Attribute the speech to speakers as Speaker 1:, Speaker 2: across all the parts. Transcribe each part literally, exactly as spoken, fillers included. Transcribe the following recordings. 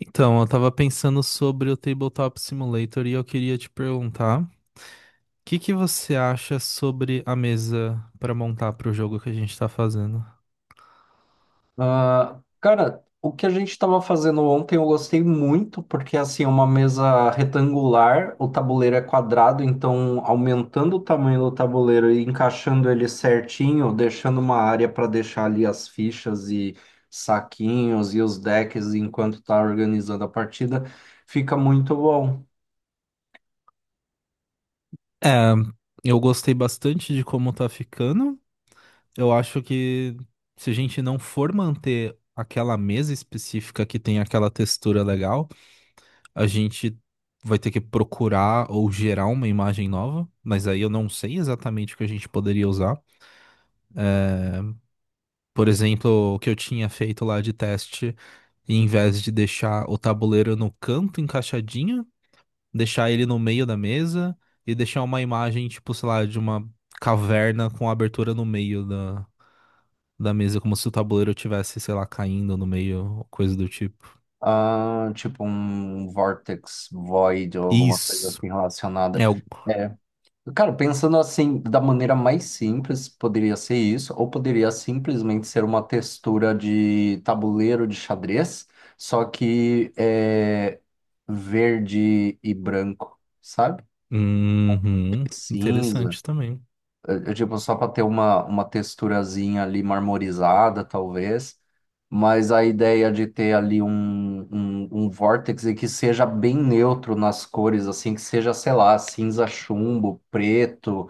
Speaker 1: Então, eu tava pensando sobre o Tabletop Simulator e eu queria te perguntar, o que que você acha sobre a mesa pra montar pro jogo que a gente tá fazendo?
Speaker 2: Ah, cara, o que a gente estava fazendo ontem eu gostei muito, porque assim, é uma mesa retangular, o tabuleiro é quadrado, então aumentando o tamanho do tabuleiro e encaixando ele certinho, deixando uma área para deixar ali as fichas e saquinhos e os decks enquanto tá organizando a partida, fica muito bom.
Speaker 1: É, eu gostei bastante de como tá ficando. Eu acho que se a gente não for manter aquela mesa específica que tem aquela textura legal, a gente vai ter que procurar ou gerar uma imagem nova, mas aí eu não sei exatamente o que a gente poderia usar. Por exemplo, o que eu tinha feito lá de teste. E em vez de deixar o tabuleiro no canto encaixadinho, deixar ele no meio da mesa e deixar uma imagem, tipo, sei lá, de uma caverna com a abertura no meio da, da mesa, como se o tabuleiro tivesse, sei lá, caindo no meio, coisa do tipo.
Speaker 2: Ah, tipo um Vortex Void ou alguma coisa
Speaker 1: Isso.
Speaker 2: assim relacionada.
Speaker 1: É o.
Speaker 2: É. Cara, pensando assim, da maneira mais simples, poderia ser isso, ou poderia simplesmente ser uma textura de tabuleiro de xadrez, só que é verde e branco, sabe?
Speaker 1: Uhum. Interessante
Speaker 2: Cinza,
Speaker 1: também.
Speaker 2: é, é tipo, só para ter uma, uma texturazinha ali marmorizada, talvez, mas a ideia de ter ali um, um, um vórtice que seja bem neutro nas cores, assim, que seja, sei lá, cinza chumbo, preto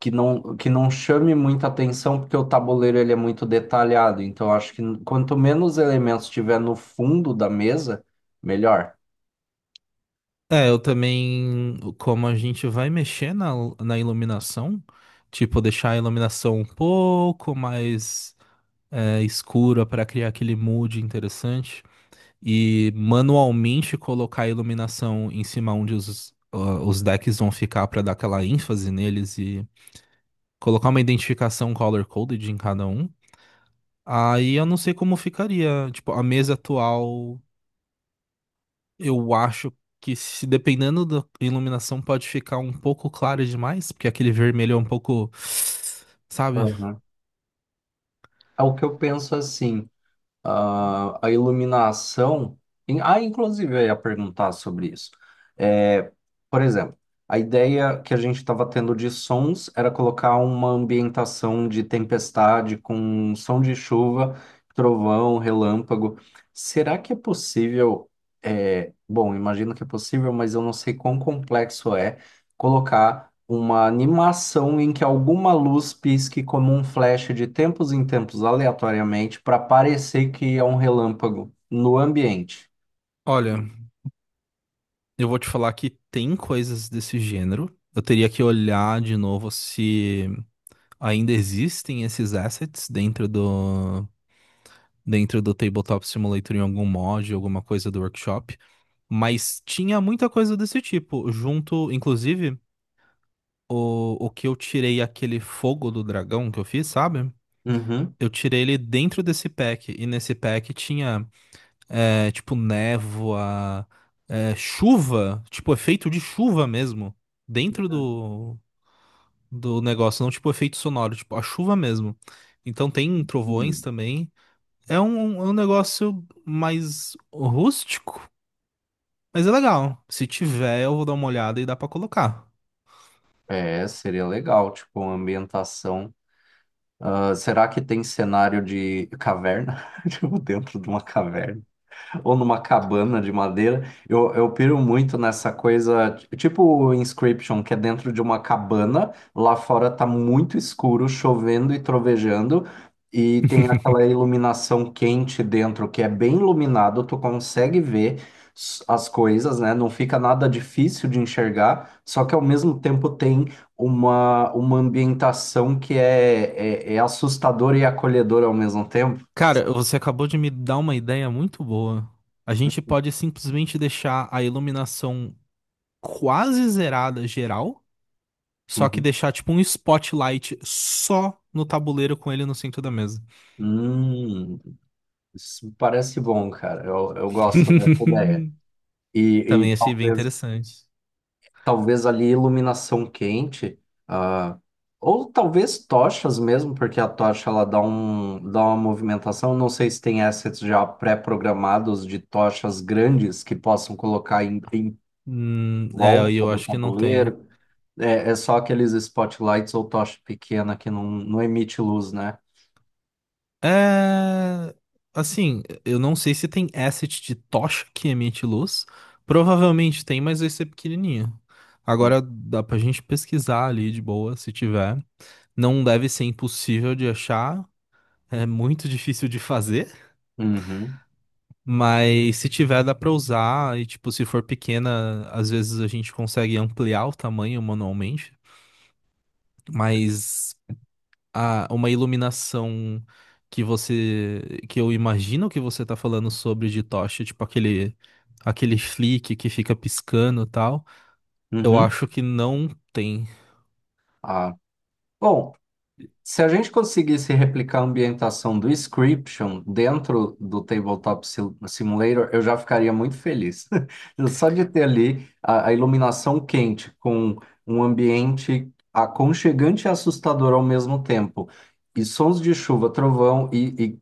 Speaker 2: que não, que não chame muita atenção, porque o tabuleiro ele é muito detalhado. Então, acho que quanto menos elementos tiver no fundo da mesa, melhor.
Speaker 1: É, eu também, como a gente vai mexer na, na iluminação, tipo, deixar a iluminação um pouco mais é, escura para criar aquele mood interessante e manualmente colocar a iluminação em cima onde os, ah, os decks vão ficar para dar aquela ênfase neles e colocar uma identificação color-coded em cada um. Aí eu não sei como ficaria. Tipo, a mesa atual, eu acho que se dependendo da iluminação pode ficar um pouco clara demais, porque aquele vermelho é um pouco, sabe?
Speaker 2: Aham. É o que eu penso assim. a, a iluminação. em- Ah, inclusive, eu ia perguntar sobre isso. É, por exemplo, a ideia que a gente estava tendo de sons era colocar uma ambientação de tempestade com som de chuva, trovão, relâmpago. Será que é possível? É, bom, imagino que é possível, mas eu não sei quão complexo é colocar uma animação em que alguma luz pisque como um flash de tempos em tempos aleatoriamente para parecer que é um relâmpago no ambiente.
Speaker 1: Olha, eu vou te falar que tem coisas desse gênero. Eu teria que olhar de novo se ainda existem esses assets dentro do dentro do Tabletop Simulator em algum mod, alguma coisa do workshop. Mas tinha muita coisa desse tipo, junto, inclusive, o, o que eu tirei aquele fogo do dragão que eu fiz, sabe?
Speaker 2: Uhum.
Speaker 1: Eu tirei ele dentro desse pack, e nesse pack tinha, é, tipo, névoa, é, chuva, tipo, efeito de chuva mesmo dentro do, do negócio, não tipo efeito sonoro, tipo a chuva mesmo. Então tem trovões
Speaker 2: Hum.
Speaker 1: também. É um, um, é um negócio mais rústico, mas é legal. Se tiver, eu vou dar uma olhada e dá pra colocar.
Speaker 2: É, seria legal, tipo, uma ambientação. Ah, será que tem cenário de caverna? Tipo, dentro de uma caverna? Ou numa cabana de madeira. Eu, eu piro muito nessa coisa, t- tipo o Inscription, que é dentro de uma cabana, lá fora tá muito escuro, chovendo e trovejando, e tem aquela iluminação quente dentro, que é bem iluminado, tu consegue ver s- as coisas, né? Não fica nada difícil de enxergar, só que ao mesmo tempo tem uma, uma ambientação que é, é, é assustadora e acolhedora ao mesmo tempo.
Speaker 1: Cara, você acabou de me dar uma ideia muito boa. A gente pode simplesmente deixar a iluminação quase zerada geral, só que
Speaker 2: Uhum.
Speaker 1: deixar tipo um spotlight só no tabuleiro com ele no centro da mesa.
Speaker 2: Hum. Isso parece bom, cara. Eu, eu gosto dessa ideia. E, e
Speaker 1: Também achei bem
Speaker 2: talvez,
Speaker 1: interessante.
Speaker 2: talvez ali iluminação quente, ah, ou talvez tochas mesmo, porque a tocha ela dá um, dá uma movimentação. Não sei se tem assets já pré-programados de tochas grandes que possam colocar em, em
Speaker 1: Hum, é, e
Speaker 2: volta
Speaker 1: eu
Speaker 2: do
Speaker 1: acho que não tem.
Speaker 2: tabuleiro. É, é só aqueles spotlights ou tocha pequena que não, não emite luz, né?
Speaker 1: É. Assim, eu não sei se tem asset de tocha que emite luz. Provavelmente tem, mas vai ser pequenininho. Agora dá pra gente pesquisar ali de boa, se tiver. Não deve ser impossível de achar. É muito difícil de fazer.
Speaker 2: Uhum,
Speaker 1: Mas se tiver, dá pra usar. E, tipo, se for pequena, às vezes a gente consegue ampliar o tamanho manualmente. Mas. a- uma iluminação que você que eu imagino que você tá falando sobre de tocha, tipo aquele aquele flick que fica piscando e tal. Eu
Speaker 2: uhum.
Speaker 1: acho que não tem.
Speaker 2: Ah, bom, se a gente conseguisse replicar a ambientação do Scription dentro do Tabletop Sil- Simulator, eu já ficaria muito feliz. Só de ter ali a, a iluminação quente com um ambiente aconchegante e assustador ao mesmo tempo, e sons de chuva, trovão, e, e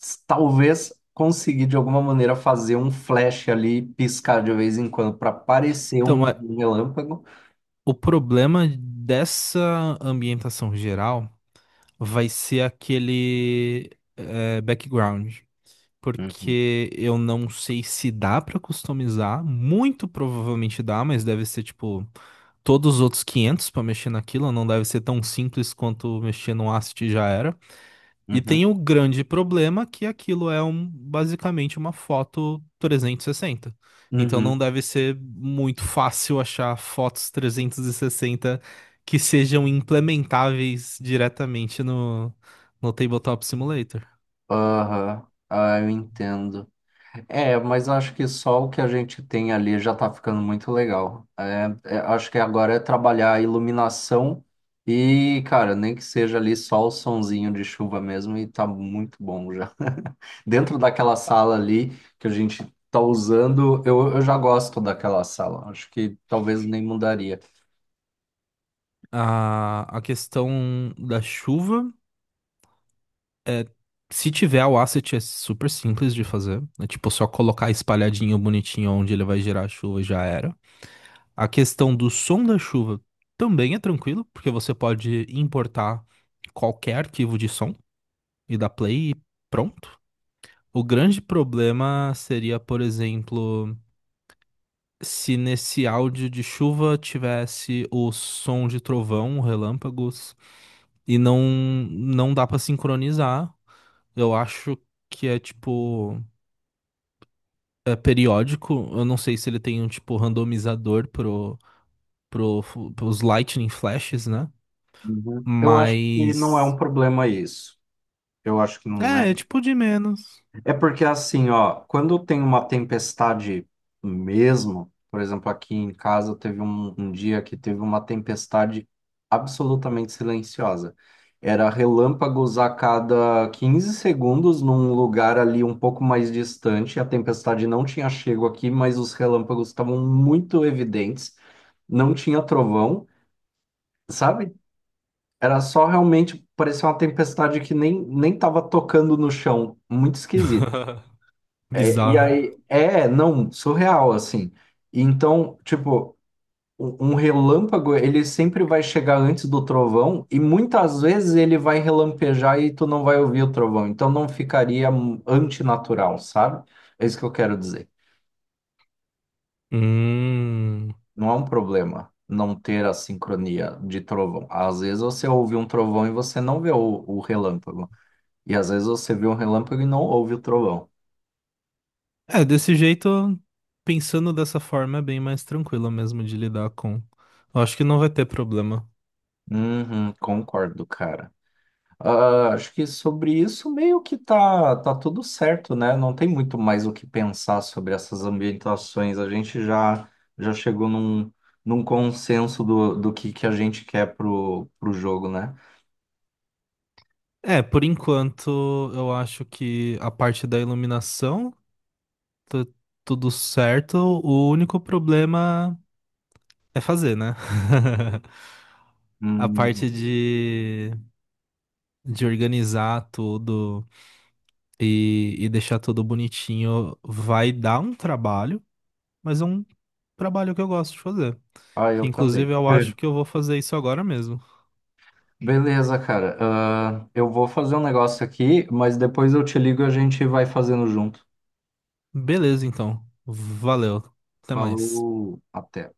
Speaker 2: s- talvez conseguir de alguma maneira fazer um flash ali, piscar de vez em quando para parecer
Speaker 1: Então,
Speaker 2: um,
Speaker 1: é-
Speaker 2: um relâmpago.
Speaker 1: o problema dessa ambientação geral vai ser aquele é, background. Porque eu não sei se dá pra customizar, muito provavelmente dá, mas deve ser tipo todos os outros quinhentos para mexer naquilo, não deve ser tão simples quanto mexer no Asset já era. E
Speaker 2: Uhum.
Speaker 1: tem o grande problema que aquilo é um, basicamente uma foto trezentos e sessenta. Então não
Speaker 2: Uhum.
Speaker 1: deve ser muito fácil achar fotos trezentos e sessenta que sejam implementáveis diretamente no, no Tabletop Simulator.
Speaker 2: Aham, ah, eu entendo. É, mas acho que só o que a gente tem ali já tá ficando muito legal. É, é, acho que agora é trabalhar a iluminação e, cara, nem que seja ali só o sonzinho de chuva mesmo e tá muito bom já. Dentro daquela sala ali que a gente tá usando, eu, eu já gosto daquela sala. Acho que talvez nem mudaria.
Speaker 1: A, a questão da chuva. Se tiver o asset, é super simples de fazer. É tipo só colocar espalhadinho bonitinho onde ele vai gerar a chuva já era. A questão do som da chuva também é tranquilo, porque você pode importar qualquer arquivo de som e dar play e pronto. O grande problema seria, por exemplo, se nesse áudio de chuva tivesse o som de trovão, relâmpagos, e não não dá pra sincronizar. Eu acho que é tipo é, periódico. Eu não sei se ele tem um tipo randomizador pro, pro, pros Lightning Flashes, né?
Speaker 2: Uhum. Eu acho que não
Speaker 1: Mas.
Speaker 2: é um problema isso. Eu acho que não é.
Speaker 1: É, é tipo de menos.
Speaker 2: É porque assim, ó, quando tem uma tempestade mesmo, por exemplo, aqui em casa teve um, um dia que teve uma tempestade absolutamente silenciosa. Era relâmpagos a cada quinze segundos num lugar ali um pouco mais distante. A tempestade não tinha chego aqui, mas os relâmpagos estavam muito evidentes. Não tinha trovão, sabe? Era só, realmente parecia uma tempestade que nem nem estava tocando no chão. Muito esquisito. É, e
Speaker 1: Bizarro.
Speaker 2: aí, é, não, surreal, assim. Então, tipo, um um relâmpago, ele sempre vai chegar antes do trovão, e muitas vezes ele vai relampejar e tu não vai ouvir o trovão. Então, não ficaria hum, antinatural, sabe? É isso que eu quero dizer.
Speaker 1: Hum.
Speaker 2: Não é um problema não ter a sincronia de trovão. Às vezes você ouve um trovão e você não vê o, o relâmpago. E às vezes você vê um relâmpago e não ouve o trovão.
Speaker 1: É, desse jeito, pensando dessa forma, é bem mais tranquilo mesmo de lidar com. Eu acho que não vai ter problema.
Speaker 2: Uhum, concordo, cara. Ah, acho que sobre isso meio que tá, tá tudo certo, né? Não tem muito mais o que pensar sobre essas ambientações. A gente já, já chegou num, num consenso do, do que, que a gente quer pro, pro jogo, né?
Speaker 1: É, por enquanto, eu acho que a parte da iluminação tá tudo certo. O único problema é fazer, né? A
Speaker 2: Hum,
Speaker 1: parte de, de organizar tudo e, e deixar tudo bonitinho vai dar um trabalho, mas é um trabalho que eu gosto de fazer.
Speaker 2: ah,
Speaker 1: Que,
Speaker 2: eu também.
Speaker 1: inclusive, eu
Speaker 2: É.
Speaker 1: acho que eu vou fazer isso agora mesmo.
Speaker 2: Beleza, cara. Ah, eu vou fazer um negócio aqui, mas depois eu te ligo e a gente vai fazendo junto.
Speaker 1: Beleza, então. Valeu. Até mais.
Speaker 2: Falou, até.